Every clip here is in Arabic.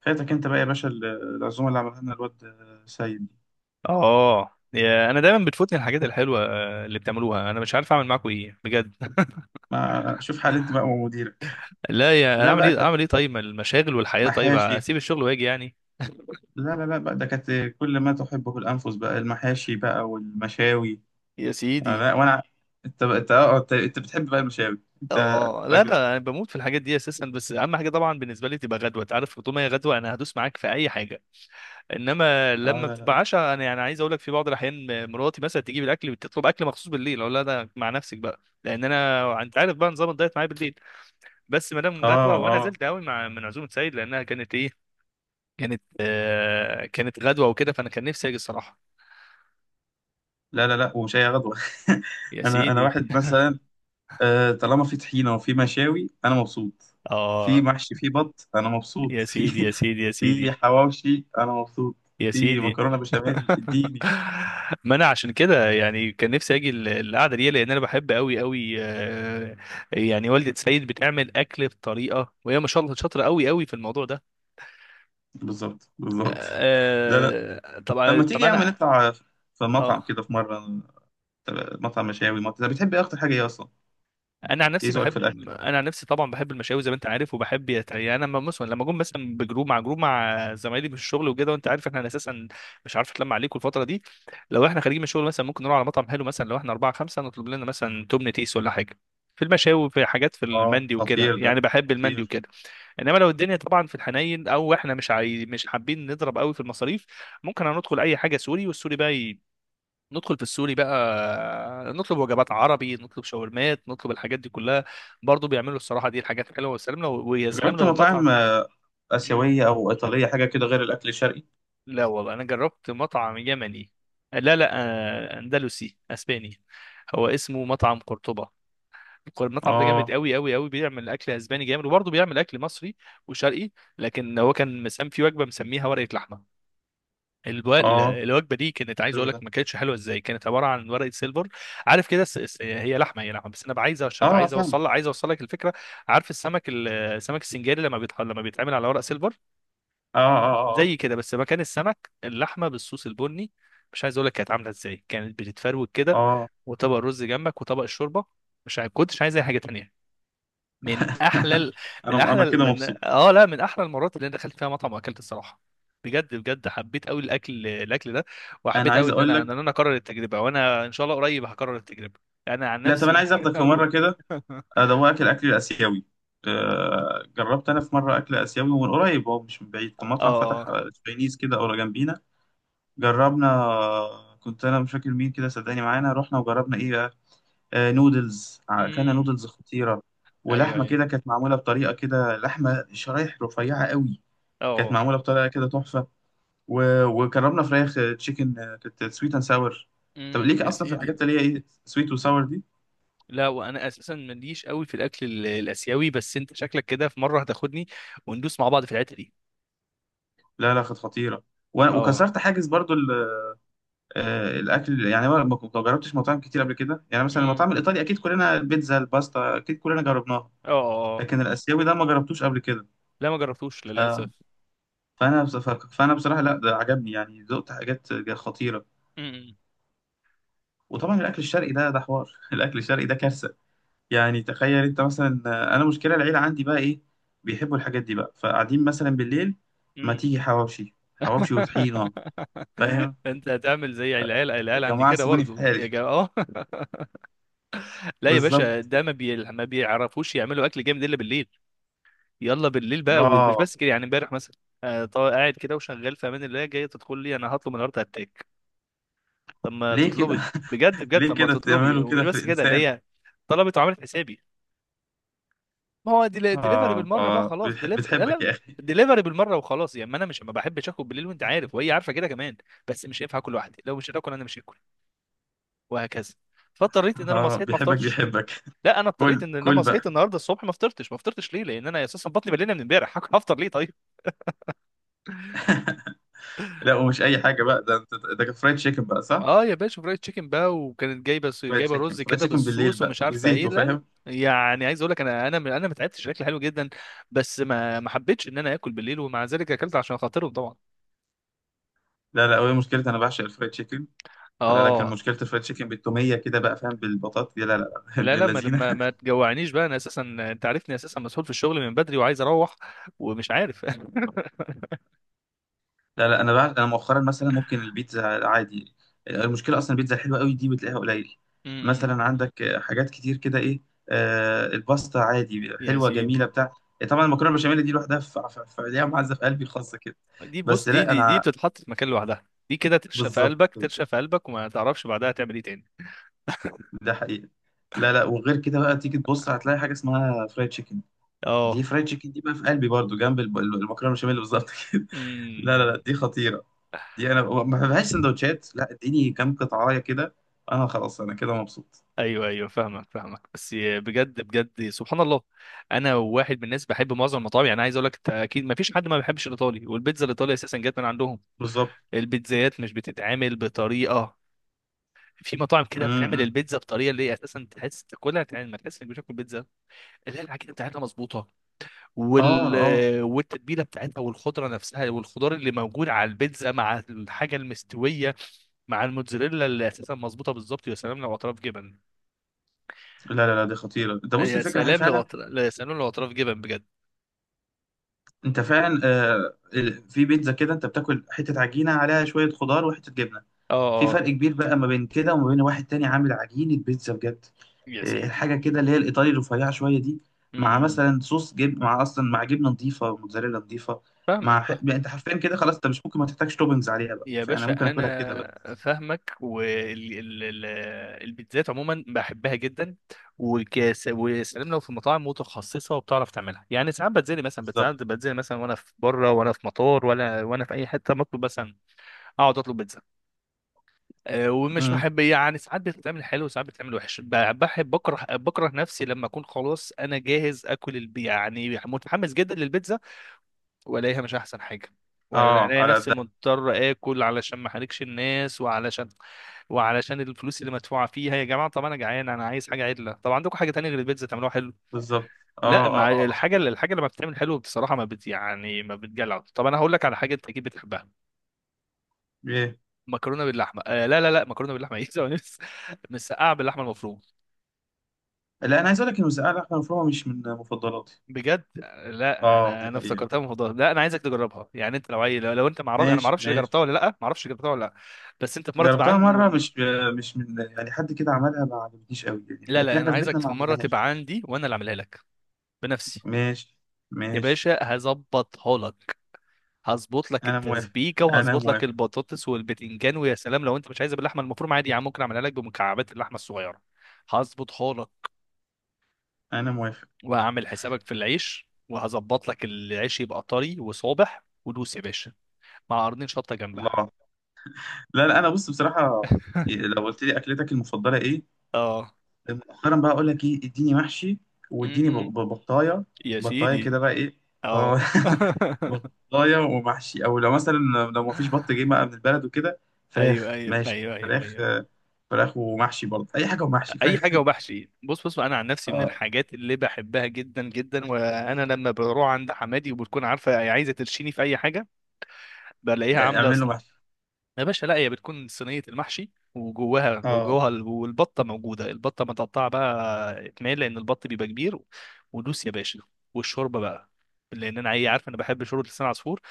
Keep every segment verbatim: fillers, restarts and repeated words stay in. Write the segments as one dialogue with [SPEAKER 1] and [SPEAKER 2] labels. [SPEAKER 1] فاتك انت بقى يا باشا ال- العزومه اللي عملها لنا الواد سيد دي.
[SPEAKER 2] اه يا انا دايما بتفوتني الحاجات الحلوه آه، اللي بتعملوها، انا مش عارف اعمل معاكم ايه بجد.
[SPEAKER 1] ما شوف حال انت بقى ومديرك.
[SPEAKER 2] لا يا
[SPEAKER 1] لا
[SPEAKER 2] اعمل
[SPEAKER 1] بقى
[SPEAKER 2] ايه
[SPEAKER 1] كانت
[SPEAKER 2] اعمل ايه، طيب ما المشاغل والحياه، طيب
[SPEAKER 1] محاشي.
[SPEAKER 2] اسيب الشغل واجي يعني؟
[SPEAKER 1] لا، لا، لا بقى، ده كانت كل ما تحبه الانفس بقى، المحاشي بقى والمشاوي.
[SPEAKER 2] يا
[SPEAKER 1] آه،
[SPEAKER 2] سيدي.
[SPEAKER 1] لا وانا. انت بقى، انت اه انت انت بتحب بقى المشاوي انت.
[SPEAKER 2] اه، لا ده
[SPEAKER 1] راجل.
[SPEAKER 2] انا بموت في الحاجات دي اساسا، بس اهم حاجه طبعا بالنسبه لي تبقى غدوه، انت عارف طول ما هي غدوه انا هدوس معاك في اي حاجه. انما
[SPEAKER 1] اه،
[SPEAKER 2] لما
[SPEAKER 1] لا، لا.
[SPEAKER 2] بتبقى عشاء انا يعني عايز اقول لك، في بعض الاحيان مراتي مثلا تجيب الاكل، بتطلب اكل مخصوص بالليل، اقول لها ده مع نفسك بقى، لان انا انت عارف بقى نظام الدايت معايا بالليل. بس ما دام
[SPEAKER 1] اه،
[SPEAKER 2] غدوه وانا
[SPEAKER 1] اه.
[SPEAKER 2] زلت قوي مع من عزومه سيد، لانها كانت ايه، كانت آه كانت غدوة وكده، فأنا كان نفسي أجي الصراحة.
[SPEAKER 1] لا، لا، لا، ومش اي غدوه.
[SPEAKER 2] يا
[SPEAKER 1] انا انا
[SPEAKER 2] سيدي.
[SPEAKER 1] واحد مثلا. آه، طالما في طحينه وفي مشاوي انا مبسوط. في
[SPEAKER 2] آه،
[SPEAKER 1] محشي، في بط، انا مبسوط.
[SPEAKER 2] يا
[SPEAKER 1] في
[SPEAKER 2] سيدي يا سيدي يا
[SPEAKER 1] في
[SPEAKER 2] سيدي
[SPEAKER 1] حواوشي انا مبسوط.
[SPEAKER 2] يا
[SPEAKER 1] في
[SPEAKER 2] سيدي.
[SPEAKER 1] مكرونه بشاميل، اديني.
[SPEAKER 2] ما أنا عشان كده يعني كان نفسي أجي ال- القعدة دي، لأن أنا بحب أوي أوي آه. يعني والدة سيد بتعمل أكل بطريقة، وهي ما شاء الله شاطرة أوي أوي في الموضوع ده.
[SPEAKER 1] بالظبط، بالظبط. لا، لا.
[SPEAKER 2] آه طبعا
[SPEAKER 1] لما تيجي
[SPEAKER 2] طبعا
[SPEAKER 1] يا عم
[SPEAKER 2] أنا.
[SPEAKER 1] نطلع في مطعم
[SPEAKER 2] آه،
[SPEAKER 1] كده، في مره. مطعم مشاوي، مطعم، انت بتحب ايه اكتر حاجه ايه اصلا؟
[SPEAKER 2] انا عن
[SPEAKER 1] ايه
[SPEAKER 2] نفسي
[SPEAKER 1] ذوقك في
[SPEAKER 2] بحب،
[SPEAKER 1] الاكل؟
[SPEAKER 2] انا عن نفسي طبعا بحب المشاوي زي ما انت عارف، وبحب يت- يعني انا لما مثلا لما اكون مثلا بجروب مع جروب مع زمايلي في الشغل وكده، وانت عارف احنا اساسا مش عارف اتلم عليكم الفتره دي. لو احنا خارجين من الشغل مثلا ممكن نروح على مطعم حلو، مثلا لو احنا اربعه خمسه نطلب لنا مثلا تمن تيس ولا حاجه. في المشاوي، في حاجات في
[SPEAKER 1] اه،
[SPEAKER 2] المندي وكده،
[SPEAKER 1] خطير ده،
[SPEAKER 2] يعني بحب المندي
[SPEAKER 1] خطير.
[SPEAKER 2] وكده. انما لو الدنيا طبعا في الحنين، او احنا مش عاي... مش حابين نضرب قوي في المصاريف، ممكن هندخل اي حاجه سوري، والسوري بقى ندخل في السوري بقى، نطلب وجبات عربي، نطلب شاورمات، نطلب الحاجات دي كلها. برضو بيعملوا الصراحة دي الحاجات حلوة والسلام، لو ويا سلام
[SPEAKER 1] جربت
[SPEAKER 2] لو المطعم.
[SPEAKER 1] مطاعم آه،
[SPEAKER 2] مم.
[SPEAKER 1] اسيويه او ايطاليه، حاجه كده غير الاكل الشرقي؟
[SPEAKER 2] لا والله أنا جربت مطعم يمني، لا لا، آه، أندلسي أسباني، هو اسمه مطعم قرطبة. المطعم ده جامد
[SPEAKER 1] اه،
[SPEAKER 2] قوي قوي قوي، بيعمل اكل اسباني جامد، وبرضه بيعمل اكل مصري وشرقي. لكن هو كان مسام في وجبه مسميها ورقه لحمه. الو-
[SPEAKER 1] اه.
[SPEAKER 2] الوجبه دي كانت عايز
[SPEAKER 1] حلو
[SPEAKER 2] اقول
[SPEAKER 1] ده.
[SPEAKER 2] لك ما كانتش حلوه ازاي، كانت عباره عن ورقه سيلفر. عارف كده الس- الس- هي لحمه، هي لحمه، بس انا عايز أش-
[SPEAKER 1] اه،
[SPEAKER 2] عايز
[SPEAKER 1] فاهم.
[SPEAKER 2] اوصل، عايز اوصل لك الفكره. عارف السمك ال- السمك السنجاري لما بيتح... لما بيتعمل على ورق سيلفر،
[SPEAKER 1] اه، اه، اه،
[SPEAKER 2] زي كده بس مكان السمك اللحمه بالصوص البني. مش عايز اقول لك كانت عامله ازاي، كانت بتتفروت كده،
[SPEAKER 1] اه.
[SPEAKER 2] وطبق رز جنبك وطبق الشوربه. مش عايز كنتش عايز اي حاجه تانية. من احلى ال- من
[SPEAKER 1] انا
[SPEAKER 2] احلى
[SPEAKER 1] انا
[SPEAKER 2] ال-
[SPEAKER 1] كده
[SPEAKER 2] من
[SPEAKER 1] مبسوط.
[SPEAKER 2] اه لا من احلى المرات اللي انا دخلت فيها مطعم واكلت الصراحه. بجد بجد حبيت قوي الاكل، الاكل ده.
[SPEAKER 1] انا
[SPEAKER 2] وحبيت قوي
[SPEAKER 1] عايز
[SPEAKER 2] ان
[SPEAKER 1] اقول
[SPEAKER 2] انا
[SPEAKER 1] لك.
[SPEAKER 2] ان انا اكرر التجربه، وانا ان شاء الله قريب هكرر التجربه. انا عن
[SPEAKER 1] لا، طب انا
[SPEAKER 2] نفسي
[SPEAKER 1] عايز اخدك في
[SPEAKER 2] هروح.
[SPEAKER 1] مره كده. آه، ده هو اكل اكل الاسيوي. آه، جربت انا في مره اكل اسيوي، ومن قريب هو مش من بعيد كان مطعم فتح
[SPEAKER 2] اه.
[SPEAKER 1] آه، تشاينيز كده قريب جنبينا. جربنا، آه، كنت انا مش فاكر مين كده، صدقني معانا رحنا وجربنا ايه بقى. آه، نودلز، آه، كان
[SPEAKER 2] امم
[SPEAKER 1] نودلز خطيره.
[SPEAKER 2] ايوه
[SPEAKER 1] ولحمه
[SPEAKER 2] ايوه.
[SPEAKER 1] كده كانت معموله بطريقه كده، لحمه شرايح رفيعه قوي. كانت
[SPEAKER 2] اه.
[SPEAKER 1] معموله بطريقه كده، تحفه. و- وجربنا فراخ، آه، تشيكن، آه، كانت سويت اند ساور. طب ليك
[SPEAKER 2] امم يا
[SPEAKER 1] اصلا في
[SPEAKER 2] سيدي.
[SPEAKER 1] الحاجات اللي هي ايه سويت وساور دي؟
[SPEAKER 2] لا وانا اساسا ماليش قوي في الاكل ال- الاسيوي، بس انت شكلك كده في مره هتاخدني، وندوس مع بعض في الحته دي.
[SPEAKER 1] لا، لا، كانت خطيره. و-
[SPEAKER 2] اه.
[SPEAKER 1] وكسرت حاجز برضو. آه، الاكل يعني انا ما ما جربتش مطاعم كتير قبل كده، يعني مثلا
[SPEAKER 2] امم
[SPEAKER 1] المطاعم الايطالي اكيد كلنا البيتزا الباستا اكيد كلنا جربناها.
[SPEAKER 2] اه. آه، آه.
[SPEAKER 1] لكن الاسيوي ده ما جربتوش قبل كده.
[SPEAKER 2] لا ما جربتوش
[SPEAKER 1] ف-
[SPEAKER 2] للاسف.
[SPEAKER 1] فانا بص- ف- فانا بصراحه، لا ده عجبني يعني، ذقت حاجات جا- خطيره.
[SPEAKER 2] امم
[SPEAKER 1] وطبعا الاكل الشرقي ده ده حوار. الاكل الشرقي ده كارثه. يعني تخيل انت مثلا، آه، انا مشكله العيله عندي بقى ايه؟ بيحبوا الحاجات دي بقى، فقاعدين مثلا بالليل، ما
[SPEAKER 2] مم.
[SPEAKER 1] تيجي حواوشي حواوشي وطحينه. فاهم؟
[SPEAKER 2] انت هتعمل زي العيال،
[SPEAKER 1] يا
[SPEAKER 2] العيال عندي
[SPEAKER 1] جماعه
[SPEAKER 2] كده
[SPEAKER 1] سيبوني في
[SPEAKER 2] برضو يا
[SPEAKER 1] حالي.
[SPEAKER 2] جماعه اه. لا يا باشا،
[SPEAKER 1] بالظبط.
[SPEAKER 2] ده ما بي... ما بيعرفوش يعملوا اكل جامد الا بالليل. يلا بالليل بقى، ومش
[SPEAKER 1] اه.
[SPEAKER 2] بس كده، يعني امبارح مثلا آه، طا- قاعد كده وشغال في امان الله، جاي تدخل لي، انا هطلب النهارده هتاك. طب ما
[SPEAKER 1] ليه
[SPEAKER 2] تطلبي.
[SPEAKER 1] كده،
[SPEAKER 2] بجد بجد،
[SPEAKER 1] ليه
[SPEAKER 2] طب ما
[SPEAKER 1] كده
[SPEAKER 2] تطلبي،
[SPEAKER 1] تعملوا
[SPEAKER 2] ومش
[SPEAKER 1] كده في
[SPEAKER 2] بس كده ده
[SPEAKER 1] الإنسان؟
[SPEAKER 2] هي طلبت وعملت حسابي. ما هو ديلي- ديليفري
[SPEAKER 1] آه
[SPEAKER 2] بالمره بقى
[SPEAKER 1] آه
[SPEAKER 2] خلاص،
[SPEAKER 1] بتح-
[SPEAKER 2] ديليف... لا
[SPEAKER 1] بتحبك
[SPEAKER 2] لا
[SPEAKER 1] يا أخي.
[SPEAKER 2] ديليفري بالمره وخلاص، يعني ما انا مش ما بحبش اكل بالليل وانت عارف، وهي عارفه كده كمان. بس مش هينفع اكل لوحدي، لو مش هتاكل انا مش هاكل، وهكذا. فاضطريت ان انا لما
[SPEAKER 1] آه
[SPEAKER 2] صحيت ما
[SPEAKER 1] بيحبك
[SPEAKER 2] افطرش.
[SPEAKER 1] بيحبك.
[SPEAKER 2] لا انا اضطريت
[SPEAKER 1] كل
[SPEAKER 2] ان لما
[SPEAKER 1] كل
[SPEAKER 2] صحيت
[SPEAKER 1] بقى.
[SPEAKER 2] النهارده الصبح ما افطرتش، ما افطرتش ليه، لان انا اساسا بطني مليانه من امبارح، هفطر ليه طيب؟
[SPEAKER 1] لا، ومش أي حاجة بقى ده أنت. ده كان فرايد تشيكن بقى، صح؟
[SPEAKER 2] اه يا باشا، فرايد تشيكن بقى، وكانت جايبه
[SPEAKER 1] فرايد
[SPEAKER 2] جايبه
[SPEAKER 1] تشيكن
[SPEAKER 2] رز
[SPEAKER 1] فرايد
[SPEAKER 2] كده
[SPEAKER 1] تشيكن بالليل
[SPEAKER 2] بالصوص
[SPEAKER 1] بقى
[SPEAKER 2] ومش عارفه ايه،
[SPEAKER 1] بزيته،
[SPEAKER 2] لا.
[SPEAKER 1] فاهم؟
[SPEAKER 2] يعني عايز اقول لك انا انا انا ما تعبتش، الاكل حلو جدا، بس ما ما حبيتش ان انا اكل بالليل، ومع ذلك اكلت عشان خاطرهم طبعا.
[SPEAKER 1] لا، لا، هو مشكلتي أنا بعشق الفرايد تشيكن. لكن
[SPEAKER 2] اه،
[SPEAKER 1] مشكلة الفرايد تشيكن بالتومية كده بقى، فاهم؟ بالبطاطا، لا، لا، لا.
[SPEAKER 2] لا
[SPEAKER 1] ابن
[SPEAKER 2] لا ما ما,
[SPEAKER 1] اللذينة.
[SPEAKER 2] ما تجوعنيش بقى، انا اساسا انت عارفني اساسا مسؤول في الشغل من بدري وعايز اروح، ومش عارف.
[SPEAKER 1] لا، لا، انا بعد انا مؤخرا مثلا ممكن البيتزا عادي. المشكله اصلا البيتزا الحلوه قوي دي بتلاقيها قليل.
[SPEAKER 2] أمم،
[SPEAKER 1] مثلا عندك آه، حاجات كتير كده ايه. آه الباستا عادي،
[SPEAKER 2] يا
[SPEAKER 1] حلوه جميله
[SPEAKER 2] سيدي.
[SPEAKER 1] بتاع. طبعا المكرونه البشاميل دي لوحدها في في- في- ليها معزه في قلبي خاصه كده.
[SPEAKER 2] دي بص،
[SPEAKER 1] بس
[SPEAKER 2] دي
[SPEAKER 1] لا
[SPEAKER 2] دي دي
[SPEAKER 1] انا.
[SPEAKER 2] بتتحط في مكان لوحدها، دي كده ترشق في
[SPEAKER 1] بالظبط.
[SPEAKER 2] قلبك، ترشق في قلبك وما تعرفش بعدها تعمل ايه تاني.
[SPEAKER 1] ده حقيقه. لا، لا، وغير كده بقى تيجي تبص هتلاقي حاجه اسمها فرايد تشيكن. دي
[SPEAKER 2] اه.
[SPEAKER 1] فرايد تشيكن دي بقى في قلبي برضو جنب الب- المكرونه البشاميل بالظبط كده. لا، لا،
[SPEAKER 2] امم
[SPEAKER 1] لا، دي خطيره. دي انا ما بحبهاش سندوتشات، لا اديني كام قطعايه كده. انا خلاص، انا كده مبسوط.
[SPEAKER 2] ايوه ايوه، فاهمك فاهمك، بس بجد بجد سبحان الله. انا واحد من الناس بحب معظم المطاعم، يعني عايز اقول لك أنت اكيد ما فيش حد ما بيحبش الايطالي، والبيتزا الايطالي اساسا جت من عندهم.
[SPEAKER 1] بالظبط.
[SPEAKER 2] البيتزايات مش بتتعمل بطريقه، في مطاعم كده بتعمل
[SPEAKER 1] امم.
[SPEAKER 2] البيتزا بطريقه اللي هي اساسا تحس تاكلها، تع- ما تحس انك بتاكل بيتزا. اللي هي العجينه بتاعتها مظبوطه،
[SPEAKER 1] اه،
[SPEAKER 2] وال
[SPEAKER 1] اه.
[SPEAKER 2] والتتبيله بتاعتها والخضره نفسها، والخضار اللي موجود على البيتزا مع الحاجه المستويه، مع الموتزاريلا اللي اساسا مظبوطه بالظبط، يا سلام لو اطراف جبن.
[SPEAKER 1] لا، لا، لا، دي خطيره. ده بص
[SPEAKER 2] يا
[SPEAKER 1] الفكره هي
[SPEAKER 2] سلام لو
[SPEAKER 1] فعلا.
[SPEAKER 2] أطراف... يا سلام لو اطراف جبن بجد.
[SPEAKER 1] انت فعلا، آه ال- في بيتزا كده انت بتاكل حته عجينه عليها شويه خضار وحته جبنه.
[SPEAKER 2] اه
[SPEAKER 1] في
[SPEAKER 2] اه،
[SPEAKER 1] فرق كبير بقى ما بين كده وما بين واحد تاني عامل عجينه بيتزا بجد.
[SPEAKER 2] يا
[SPEAKER 1] آه
[SPEAKER 2] سيدي.
[SPEAKER 1] الحاجه كده اللي هي الايطالي الرفيعه شويه دي. مع
[SPEAKER 2] امم
[SPEAKER 1] مثلا صوص جبن، مع اصلا مع جبنه نظيفه، موتزاريلا نظيفه.
[SPEAKER 2] فاهمك.
[SPEAKER 1] مع ح... يعني انت حرفيا كده خلاص، انت مش ممكن ما تحتاجش توبنجز عليها بقى،
[SPEAKER 2] يا
[SPEAKER 1] فانا ممكن
[SPEAKER 2] باشا
[SPEAKER 1] اكلها كده.
[SPEAKER 2] انا فاهمك، والبيتزات عموما بحبها جدا، وكاس وسلام لو في مطاعم متخصصه وبتعرف تعملها، يعني ساعات بتزلي مثلا، بتزلي
[SPEAKER 1] بالظبط.
[SPEAKER 2] بتزلي مثلا، وانا في بره، وانا في مطار، ولا وانا في اي حته بطلب مثلا، اقعد اطلب بيتزا. أه، ومش
[SPEAKER 1] امم.
[SPEAKER 2] بحب، يعني ساعات بتتعمل حلو وساعات بتتعمل وحش، ب- بحب بكره بكره نفسي لما اكون خلاص انا جاهز اكل البي يعني متحمس جدا للبيتزا، والاقيها مش احسن حاجه،
[SPEAKER 1] اه،
[SPEAKER 2] والاقي
[SPEAKER 1] على قد
[SPEAKER 2] نفسي
[SPEAKER 1] ده.
[SPEAKER 2] مضطر اكل علشان ما احرجش الناس، وعلشان وعلشان الفلوس اللي مدفوعه فيها. يا جماعه طب انا جعان، انا عايز حاجه عدله، طب عندكم حاجه تانية غير البيتزا تعملوها حلو.
[SPEAKER 1] بالظبط. اه،
[SPEAKER 2] لا مع
[SPEAKER 1] اه، اه، اه.
[SPEAKER 2] الحاجه اللي الحاجه لما بتتعمل حلو بصراحه ما بت يعني ما بتجلع. طب انا هقول لك على حاجه انت اكيد بتحبها،
[SPEAKER 1] ايه؟
[SPEAKER 2] مكرونه باللحمه. آه لا لا لا، مكرونه باللحمه ايه؟ ثواني بس. مسقعه باللحمه المفرومه.
[SPEAKER 1] لا، انا عايز اقول لك ان مسقعه لحمه مفرومه مش من مفضلاتي.
[SPEAKER 2] بجد. لا
[SPEAKER 1] اه،
[SPEAKER 2] انا
[SPEAKER 1] دي
[SPEAKER 2] انا
[SPEAKER 1] حقيقه.
[SPEAKER 2] افتكرتها من الموضوع ده. لا انا عايزك تجربها، يعني انت لو عايز، لو, لو انت معرف، انا ما
[SPEAKER 1] ماشي،
[SPEAKER 2] اعرفش اللي
[SPEAKER 1] ماشي.
[SPEAKER 2] جربتها ولا لا، ما اعرفش جربتها ولا لا. بس انت في مره تبقى
[SPEAKER 1] جربتها
[SPEAKER 2] عندك.
[SPEAKER 1] مره، مش مش من يعني حد كده عملها، ما عجبتنيش قوي يعني،
[SPEAKER 2] لا
[SPEAKER 1] لكن
[SPEAKER 2] لا انا
[SPEAKER 1] احنا في بيتنا
[SPEAKER 2] عايزك
[SPEAKER 1] ما
[SPEAKER 2] في مره
[SPEAKER 1] عملناهاش.
[SPEAKER 2] تبقى عندي، وانا اللي اعملها لك بنفسي.
[SPEAKER 1] ماشي،
[SPEAKER 2] يا
[SPEAKER 1] ماشي.
[SPEAKER 2] باشا هظبطها لك، هظبط لك
[SPEAKER 1] انا موافق،
[SPEAKER 2] التسبيكه،
[SPEAKER 1] انا
[SPEAKER 2] وهظبط لك
[SPEAKER 1] موافق.
[SPEAKER 2] البطاطس والبتنجان. ويا سلام لو انت مش عايزها باللحمه المفرومه، عادي يا عم ممكن اعملها لك بمكعبات اللحمه الصغيره. هظبطها لك،
[SPEAKER 1] انا موافق.
[SPEAKER 2] وهعمل حسابك في العيش، وهظبط لك العيش يبقى طري وصابح ودوس يا باشا، مع قرنين شطه جنبها.
[SPEAKER 1] الله. لا، لا، انا بص بصراحه. إيه، لو قلت لي اكلتك المفضله ايه؟
[SPEAKER 2] اه.
[SPEAKER 1] مؤخرا بقى اقول لك ايه، اديني محشي. واديني ب- ب-
[SPEAKER 2] م-م.
[SPEAKER 1] بطايه.
[SPEAKER 2] يا
[SPEAKER 1] بطايه
[SPEAKER 2] سيدي.
[SPEAKER 1] كده بقى ايه. اه.
[SPEAKER 2] اه.
[SPEAKER 1] بطايه ومحشي، او لو مثلا لو ما فيش بط جه بقى من البلد وكده،
[SPEAKER 2] ايوه
[SPEAKER 1] فراخ
[SPEAKER 2] ايوه
[SPEAKER 1] ماشي،
[SPEAKER 2] ايوه ايوه
[SPEAKER 1] فراخ،
[SPEAKER 2] ايوه،
[SPEAKER 1] آه، فراخ ومحشي برضه، اي حاجه ومحشي،
[SPEAKER 2] اي حاجه
[SPEAKER 1] فاهم؟
[SPEAKER 2] وبحشي. بص بص، انا عن نفسي من
[SPEAKER 1] اه.
[SPEAKER 2] الحاجات اللي بحبها جدا جدا، وانا لما بروح عند حمادي وبتكون عارفه هي عايزه ترشيني في اي حاجه، بلاقيها عامله
[SPEAKER 1] اعمل له
[SPEAKER 2] صن...
[SPEAKER 1] محشي.
[SPEAKER 2] يا باشا، لا هي بتكون صينيه المحشي، وجواها
[SPEAKER 1] اه،
[SPEAKER 2] وجواها ال- والبطه موجوده، البطه متقطعه بقى اتنين لان البط بيبقى كبير، ودوس يا باشا. والشوربه بقى، لان انا عي- عارف انا بحب شوربه لسان عصفور.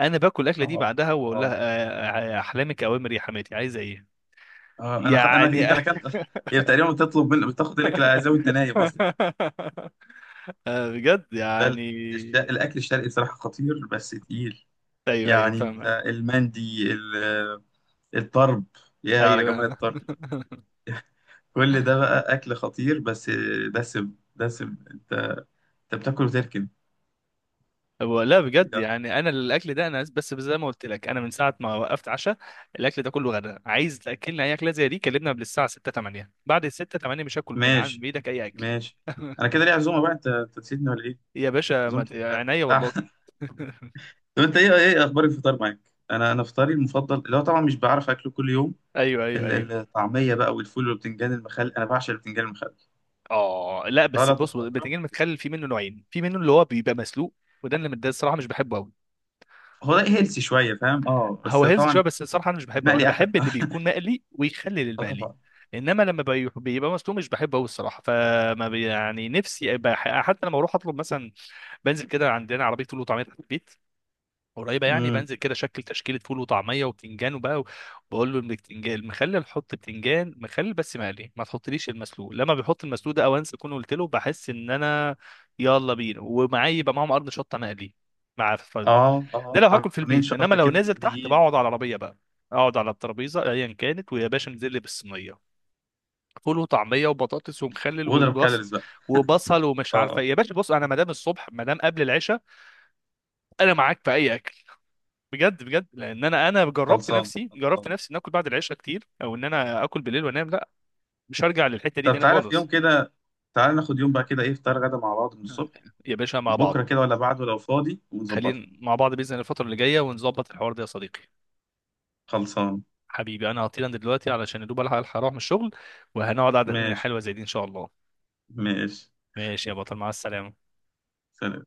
[SPEAKER 2] انا باكل الاكله دي
[SPEAKER 1] اه،
[SPEAKER 2] بعدها واقول
[SPEAKER 1] اه،
[SPEAKER 2] لها آه، آه، احلامك اوامر يا حماتي، عايزه ايه؟
[SPEAKER 1] اه، انا خ... انا
[SPEAKER 2] يعني.
[SPEAKER 1] انت ركنت. هي تقريبا بتطلب من، بتاخد لك العزاء وانت نايم اصلا.
[SPEAKER 2] آه، بجد
[SPEAKER 1] ده ال-
[SPEAKER 2] يعني.
[SPEAKER 1] الش... الاكل الشرقي بصراحه خطير بس تقيل.
[SPEAKER 2] ايوه ايوه
[SPEAKER 1] يعني انت
[SPEAKER 2] فاهمك.
[SPEAKER 1] المندي. الطرب. يا على جمال
[SPEAKER 2] ايوه.
[SPEAKER 1] الطرب. كل ده بقى أكل خطير، بس. دسم دسم أنت. أنت بتاكل وتركن.
[SPEAKER 2] هو لا بجد
[SPEAKER 1] يعني.
[SPEAKER 2] يعني، انا الاكل ده انا بس زي ما قلت لك، انا من ساعه ما وقفت عشاء، الاكل ده كله غدا. عايز تاكلنا اي اكله زي دي كلمنا قبل الساعه سته تمانيه، بعد ال سته تمانيه مش هاكل من عند
[SPEAKER 1] ماشي،
[SPEAKER 2] بايدك اي اكل.
[SPEAKER 1] ماشي. أنا كده ليه عزومة بقى؟ أنت أنت نسيتني ولا إيه؟
[SPEAKER 2] يا باشا ما
[SPEAKER 1] عزومة.
[SPEAKER 2] ت- عينيا والله.
[SPEAKER 1] الساعة. طب أنت إيه إيه أخبار الفطار معاك؟ أنا أنا فطاري المفضل اللي هو طبعا مش بعرف أكله كل يوم.
[SPEAKER 2] ايوه ايوه
[SPEAKER 1] ال-
[SPEAKER 2] ايوه.
[SPEAKER 1] الطعمية بقى والفول والبتنجان المخلل، أنا بعشق البتنجان المخلل.
[SPEAKER 2] اه، لا بس
[SPEAKER 1] سلطة
[SPEAKER 2] بص،
[SPEAKER 1] خضراء.
[SPEAKER 2] البتنجان المتخلل في منه نوعين، في منه اللي هو بيبقى مسلوق، وده اللي ده الصراحه مش بحبه.
[SPEAKER 1] هو ده هيلسي شوية، فاهم؟ أه
[SPEAKER 2] هو
[SPEAKER 1] بس
[SPEAKER 2] هيلث شويه،
[SPEAKER 1] طبعا.
[SPEAKER 2] بس الصراحه انا مش بحبه، انا
[SPEAKER 1] المقلي أحلى.
[SPEAKER 2] بحب اللي بيكون مقلي ويخلي
[SPEAKER 1] أه
[SPEAKER 2] للمقلي.
[SPEAKER 1] طبعا.
[SPEAKER 2] انما لما بي- بيبقى مسلوق مش بحبه قوي الصراحه، فما بي- يعني نفسي بح- حتى لما اروح اطلب مثلا، بنزل كده عندنا عربيه فول وطعميه تحت البيت، قريبه، يعني بنزل كده شكل تشكيله فول وطعميه وبتنجان وبقى، بقول له البتنجان المخلل حط بتنجان مخلل بس مقلي، ما تحطليش المسلوق، لما بيحط المسلوق ده او انسى اكون قلت له بحس ان انا، يلا بينا. ومعايا يبقى معاهم قرن شطه مقلي مع،
[SPEAKER 1] اه،
[SPEAKER 2] ده
[SPEAKER 1] اه.
[SPEAKER 2] لو هاكل في
[SPEAKER 1] قرنين
[SPEAKER 2] البيت. انما
[SPEAKER 1] شطه
[SPEAKER 2] لو
[SPEAKER 1] كده
[SPEAKER 2] نازل تحت
[SPEAKER 1] مقليين.
[SPEAKER 2] بقعد على العربيه بقى، اقعد على الترابيزه ايا كانت، ويا باشا انزل لي بالصينيه، فول وطعميه وبطاطس ومخلل
[SPEAKER 1] واضرب
[SPEAKER 2] وبصل،
[SPEAKER 1] كالوريز بقى.
[SPEAKER 2] وبصل ومش عارفه
[SPEAKER 1] اه،
[SPEAKER 2] إيه. يا باشا بص، انا مدام الصبح، مدام قبل العشاء، انا معاك في اي اكل. بجد بجد لان انا انا جربت
[SPEAKER 1] خلصان،
[SPEAKER 2] نفسي،
[SPEAKER 1] خلصان.
[SPEAKER 2] جربت نفسي ان اكل بعد العشاء كتير، او ان انا اكل بالليل وانام، لا، مش هرجع للحته دي
[SPEAKER 1] طب
[SPEAKER 2] تاني
[SPEAKER 1] تعالى في يوم
[SPEAKER 2] خالص.
[SPEAKER 1] كده. تعالى ناخد يوم بقى كده، ايه، فطار غدا مع بعض من الصبح.
[SPEAKER 2] يا باشا مع
[SPEAKER 1] بكره
[SPEAKER 2] بعض،
[SPEAKER 1] كده ولا بعده لو فاضي ونظبطها.
[SPEAKER 2] خلينا مع بعض باذن الله الفتره اللي جايه، ونظبط الحوار ده يا صديقي.
[SPEAKER 1] خلصان.
[SPEAKER 2] حبيبي انا هطير، انا دلوقتي علشان يا دوب الحق الحق اروح من الشغل، وهنقعد قعده تانية
[SPEAKER 1] ماشي،
[SPEAKER 2] حلوه زي دي ان شاء الله.
[SPEAKER 1] ماشي.
[SPEAKER 2] ماشي يا بطل، مع السلامه.
[SPEAKER 1] سلام.